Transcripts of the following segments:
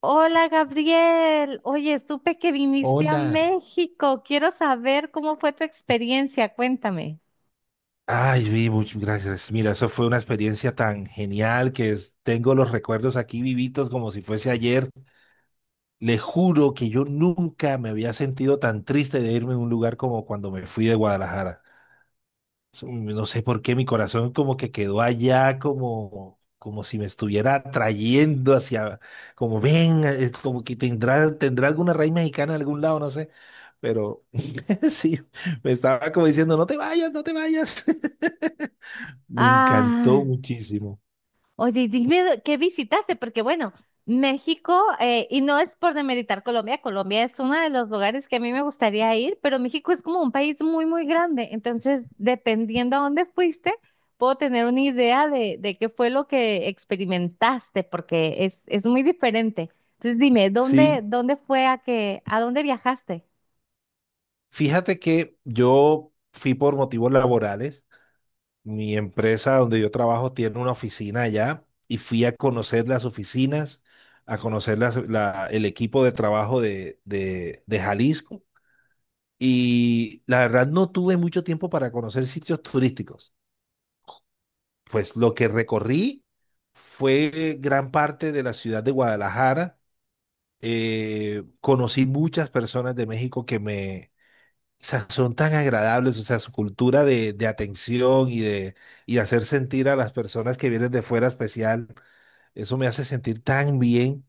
Hola Gabriel, oye, supe que viniste a Hola. México. Quiero saber cómo fue tu experiencia, cuéntame. Ay, vi, muchas gracias. Mira, eso fue una experiencia tan genial que tengo los recuerdos aquí vivitos como si fuese ayer. Le juro que yo nunca me había sentido tan triste de irme a un lugar como cuando me fui de Guadalajara. Eso, no sé por qué mi corazón como que quedó allá, como si me estuviera atrayendo hacia, como ven, como que tendrá alguna raíz mexicana en algún lado, no sé. Pero sí, me estaba como diciendo, no te vayas, no te vayas. Me encantó Ah, muchísimo. oye, y dime qué visitaste, porque bueno, México, y no es por demeritar Colombia, Colombia es uno de los lugares que a mí me gustaría ir, pero México es como un país muy, muy grande, entonces dependiendo a dónde fuiste, puedo tener una idea de qué fue lo que experimentaste, porque es muy diferente. Entonces dime, ¿dónde, Sí, dónde fue a que, a dónde viajaste? fíjate que yo fui por motivos laborales. Mi empresa donde yo trabajo tiene una oficina allá y fui a conocer las oficinas, a conocer el equipo de trabajo de Jalisco. Y la verdad no tuve mucho tiempo para conocer sitios turísticos. Pues lo que recorrí fue gran parte de la ciudad de Guadalajara. Conocí muchas personas de México que me o sea, son tan agradables, o sea, su cultura de atención y de hacer sentir a las personas que vienen de fuera especial, eso me hace sentir tan bien.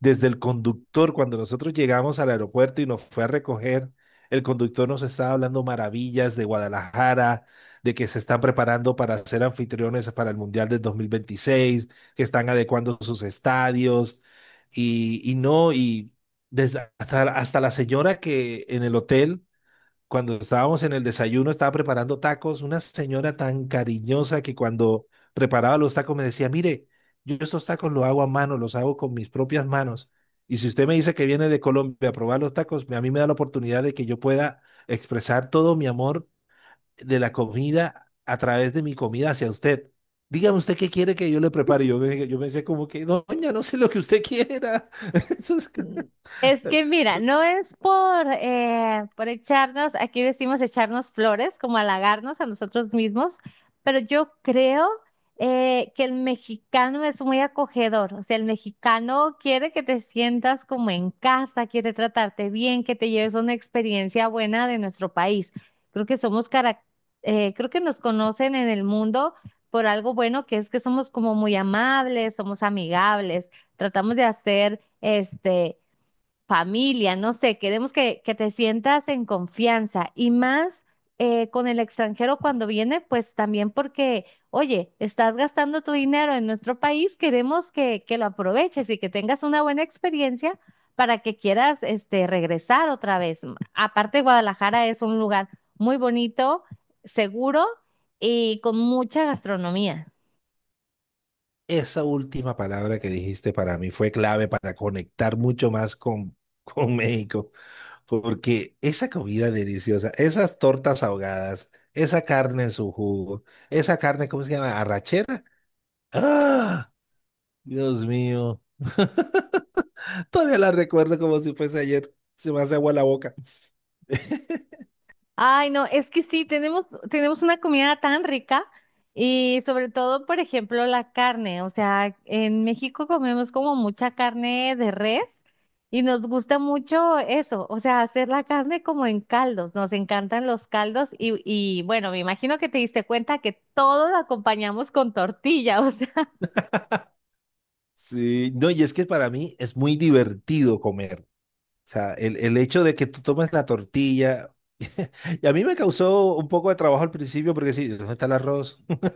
Desde el conductor, cuando nosotros llegamos al aeropuerto y nos fue a recoger, el conductor nos estaba hablando maravillas de Guadalajara, de que se están preparando para ser anfitriones para el Mundial del 2026, que están adecuando sus estadios y no, y desde hasta la señora que en el hotel cuando estábamos en el desayuno, estaba preparando tacos, una señora tan cariñosa que cuando preparaba los tacos me decía, mire, yo estos tacos los hago a mano, los hago con mis propias manos. Y si usted me dice que viene de Colombia a probar los tacos, a mí me da la oportunidad de que yo pueda expresar todo mi amor de la comida a través de mi comida hacia usted. Dígame usted qué quiere que yo le prepare. Yo, yo pensé como que, doña, no sé lo que usted quiera. Entonces, Mm. Es que mira, no es por echarnos, aquí decimos echarnos flores, como halagarnos a nosotros mismos, pero yo creo que el mexicano es muy acogedor, o sea, el mexicano quiere que te sientas como en casa, quiere tratarte bien, que te lleves una experiencia buena de nuestro país. Creo que somos, creo que nos conocen en el mundo por algo bueno que es que somos como muy amables, somos amigables, tratamos de hacer este familia, no sé, queremos que te sientas en confianza y más con el extranjero cuando viene, pues también porque, oye, estás gastando tu dinero en nuestro país, queremos que lo aproveches y que tengas una buena experiencia para que quieras este regresar otra vez. Aparte, Guadalajara es un lugar muy bonito, seguro y con mucha gastronomía. esa última palabra que dijiste para mí fue clave para conectar mucho más con, con México, porque esa comida deliciosa, esas tortas ahogadas, esa carne en su jugo, esa carne, ¿cómo se llama? ¿Arrachera? ¡Ah! Dios mío. Todavía la recuerdo como si fuese ayer. Se me hace agua la boca. Ay, no, es que sí, tenemos una comida tan rica y sobre todo, por ejemplo, la carne. O sea, en México comemos como mucha carne de res y nos gusta mucho eso, o sea, hacer la carne como en caldos. Nos encantan los caldos y bueno, me imagino que te diste cuenta que todo lo acompañamos con tortilla. O sea, Sí, no, y es que para mí es muy divertido comer. O sea, el hecho de que tú tomes la tortilla, y a mí me causó un poco de trabajo al principio porque sí, ¿dónde está el arroz?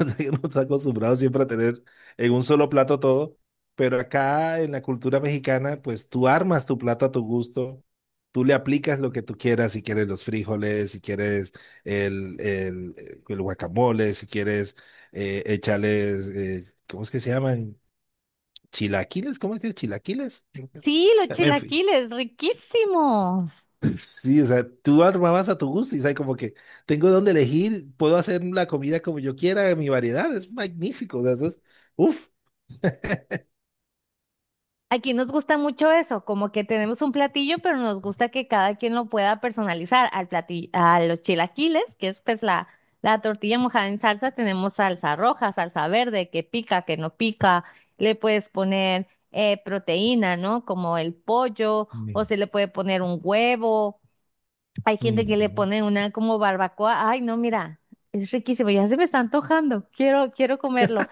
O sea, que uno está acostumbrado siempre a tener en un solo plato todo, pero acá en la cultura mexicana, pues tú armas tu plato a tu gusto, tú le aplicas lo que tú quieras, si quieres los frijoles, si quieres el guacamole, si quieres echarles, ¿cómo es que se llaman? Chilaquiles, ¿cómo es que es? Chilaquiles. sí, los En fin, chilaquiles, riquísimos. sí, o sea, tú armabas a tu gusto y sabes como que tengo donde elegir, puedo hacer la comida como yo quiera, mi variedad es magnífico, o sea, eso es, uf. Aquí nos gusta mucho eso, como que tenemos un platillo, pero nos gusta que cada quien lo pueda personalizar. Al platillo, a los chilaquiles, que es pues la tortilla mojada en salsa, tenemos salsa roja, salsa verde, que pica, que no pica. Le puedes poner proteína, ¿no? Como el pollo, o Mm, se le puede poner un huevo. Hay gente que le pone una como barbacoa. Ay, no, mira, es riquísimo, ya se me está antojando. Quiero, quiero comerlo.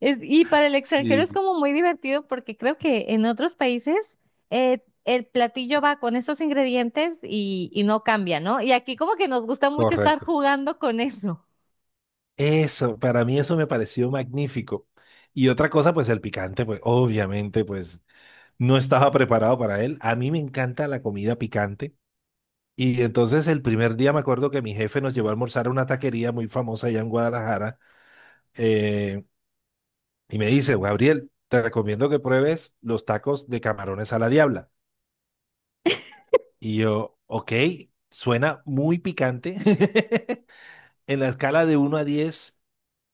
Es, y para el extranjero es sí, como muy divertido porque creo que en otros países el platillo va con estos ingredientes y no cambia, ¿no? Y aquí como que nos gusta mucho estar correcto. jugando con eso. Eso, para mí eso me pareció magnífico. Y otra cosa, pues el picante, pues obviamente, pues no estaba preparado para él. A mí me encanta la comida picante. Y entonces el primer día me acuerdo que mi jefe nos llevó a almorzar a una taquería muy famosa allá en Guadalajara. eh, Y me dice, Gabriel, te recomiendo que pruebes los tacos de camarones a la diabla. Y yo, ok, suena muy picante. En la escala de 1 a 10,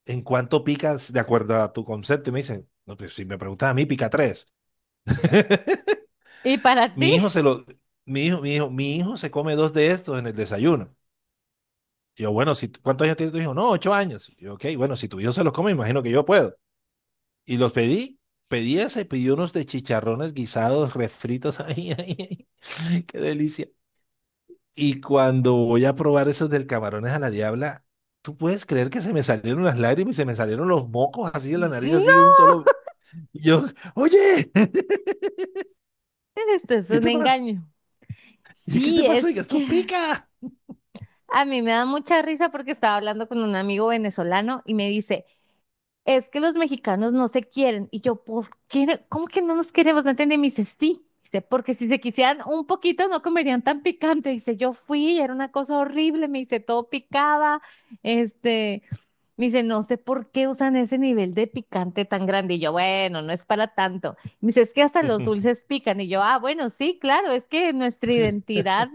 ¿en cuánto picas de acuerdo a tu concepto? Y me dicen, no, pues si me preguntas a mí, pica tres. ¿Y para ti? Mi hijo se lo, mi hijo se come dos de estos en el desayuno. Y yo, bueno, si, ¿cuántos años tiene tu hijo? No, 8 años. Y yo, ok, bueno, si tu hijo se los come, imagino que yo puedo. Y los pedí. Pedí ese, pedí unos de chicharrones guisados, refritos. Ay, ay, ay, qué delicia. Y cuando voy a probar esos del camarones a la diabla, ¿tú puedes creer que se me salieron las lágrimas y se me salieron los mocos así de la nariz, así de No, un solo? Y yo, oye, esto es ¿qué un te pasa? engaño. ¿Y qué Sí, te pasó? Y es que esto que pica. a mí me da mucha risa porque estaba hablando con un amigo venezolano y me dice, es que los mexicanos no se quieren. Y yo, ¿por qué? ¿Cómo que no nos queremos? No entendí. Y me dice, sí. Dice, porque si se quisieran un poquito no comerían tan picante. Dice, yo fui y era una cosa horrible. Me dice, todo picaba. Este, me dice, no sé por qué usan ese nivel de picante tan grande. Y yo, bueno, no es para tanto. Me dice, es que hasta los dulces pican. Y yo, ah, bueno, sí, claro, es que nuestra identidad,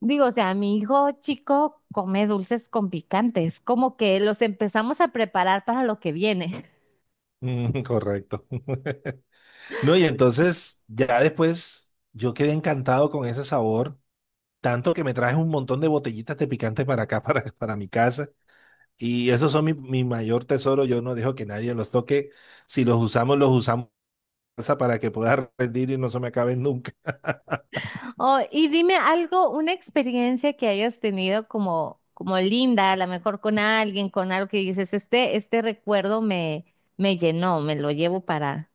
digo, o sea, mi hijo chico come dulces con picantes, como que los empezamos a preparar para lo que viene. Mm, correcto. No, y entonces ya después yo quedé encantado con ese sabor, tanto que me traje un montón de botellitas de picante para acá, para mi casa. Y esos son mi mayor tesoro. Yo no dejo que nadie los toque. Si los usamos, los usamos para que pueda rendir y no se me acaben nunca. Oh, y dime algo, una experiencia que hayas tenido como, como linda, a lo mejor con alguien, con algo que dices, este recuerdo me, me llenó, me lo llevo para.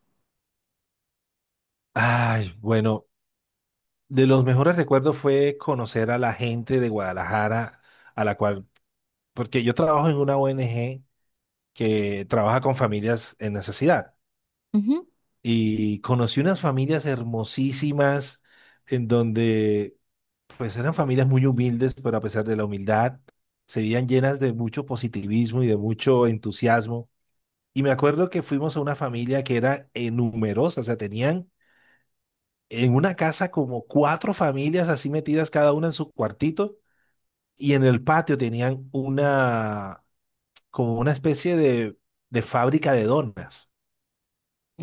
Ay, bueno, de los mejores recuerdos fue conocer a la gente de Guadalajara, a la cual, porque yo trabajo en una ONG que trabaja con familias en necesidad. Ujú. Y conocí unas familias hermosísimas en donde pues eran familias muy humildes, pero a pesar de la humildad, se veían llenas de mucho positivismo y de mucho entusiasmo. Y me acuerdo que fuimos a una familia que era numerosa, o sea, tenían en una casa como cuatro familias así metidas cada una en su cuartito y en el patio tenían como una especie de fábrica de donas.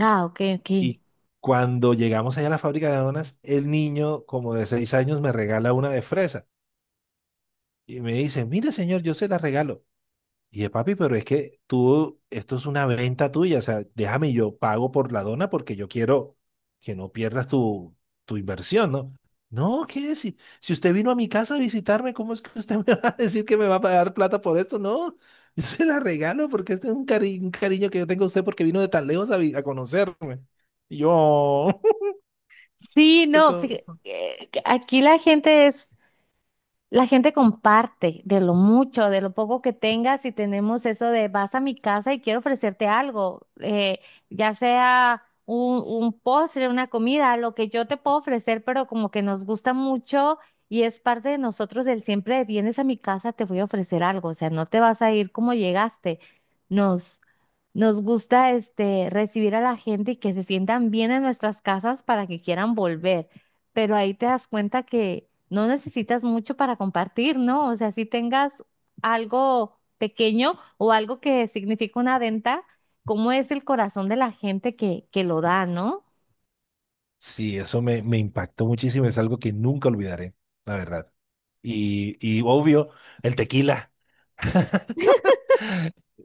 Ah, ok, ok. Y cuando llegamos allá a la fábrica de donas, el niño como de 6 años me regala una de fresa y me dice, mire señor, yo se la regalo. Y yo, papi, pero es que tú, esto es una venta tuya, o sea, déjame yo pago por la dona porque yo quiero que no pierdas tu inversión, ¿no? No, ¿qué? Si, si usted vino a mi casa a visitarme, ¿cómo es que usted me va a decir que me va a pagar plata por esto? No, yo se la regalo porque este es un cariño que yo tengo a usted porque vino de tan lejos a conocerme. Y yo, Sí, no, eso, fíjate, eso- aquí la gente es, la gente comparte de lo mucho, de lo poco que tengas y tenemos eso de vas a mi casa y quiero ofrecerte algo, ya sea un postre, una comida, lo que yo te puedo ofrecer, pero como que nos gusta mucho y es parte de nosotros el siempre vienes a mi casa, te voy a ofrecer algo, o sea, no te vas a ir como llegaste. Nos, nos gusta este recibir a la gente y que se sientan bien en nuestras casas para que quieran volver, pero ahí te das cuenta que no necesitas mucho para compartir, ¿no? O sea, si tengas algo pequeño o algo que significa una venta, ¿cómo es el corazón de la gente que lo da, ¿no? Sí, eso me impactó muchísimo, es algo que nunca olvidaré, la verdad. Y obvio, el tequila.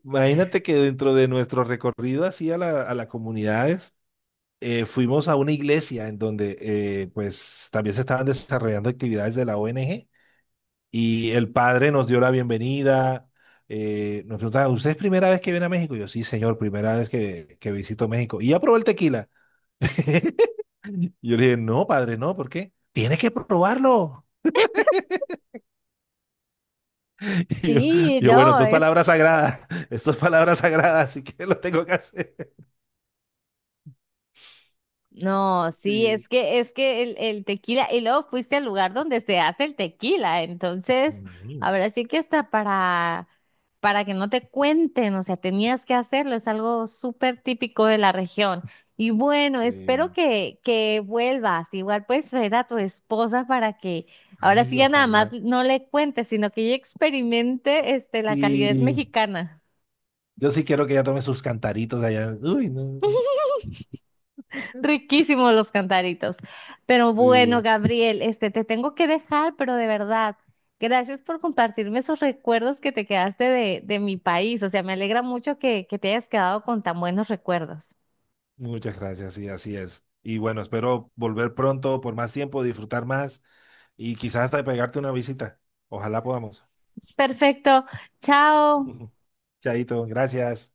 Imagínate que dentro de nuestro recorrido así a la, a las comunidades, fuimos a una iglesia en donde pues también se estaban desarrollando actividades de la ONG y el padre nos dio la bienvenida, nos preguntaba, ¿usted es primera vez que viene a México? Y yo, sí, señor, primera vez que visito México. Y ya probó el tequila. Y yo le dije, no, padre, no, ¿por qué? Tiene que probarlo. Y yo, Sí, yo, no. bueno, esto es palabra sagrada, esto es palabra sagrada, así que lo tengo que hacer. No, sí, Sí, es que el tequila, y luego fuiste al lugar donde se hace el tequila, entonces, me imagino. ahora sí que hasta para que no te cuenten, o sea, tenías que hacerlo, es algo súper típico de la región. Y bueno, espero Sí. Que vuelvas, igual puedes traer a tu esposa para que ahora sí Ay, ya nada más ojalá. no le cuentes, sino que ella experimente este, la calidez Sí, mexicana. yo sí quiero que ella tome sus cantaritos allá. Uy, no. Riquísimos los cantaritos. Pero bueno, Sí, Gabriel, este, te tengo que dejar, pero de verdad, gracias por compartirme esos recuerdos que te quedaste de mi país. O sea, me alegra mucho que te hayas quedado con tan buenos recuerdos. muchas gracias, sí, así es. Y bueno, espero volver pronto por más tiempo, disfrutar más y quizás hasta pegarte una visita. Ojalá podamos. Perfecto. Chao. Chaito, gracias.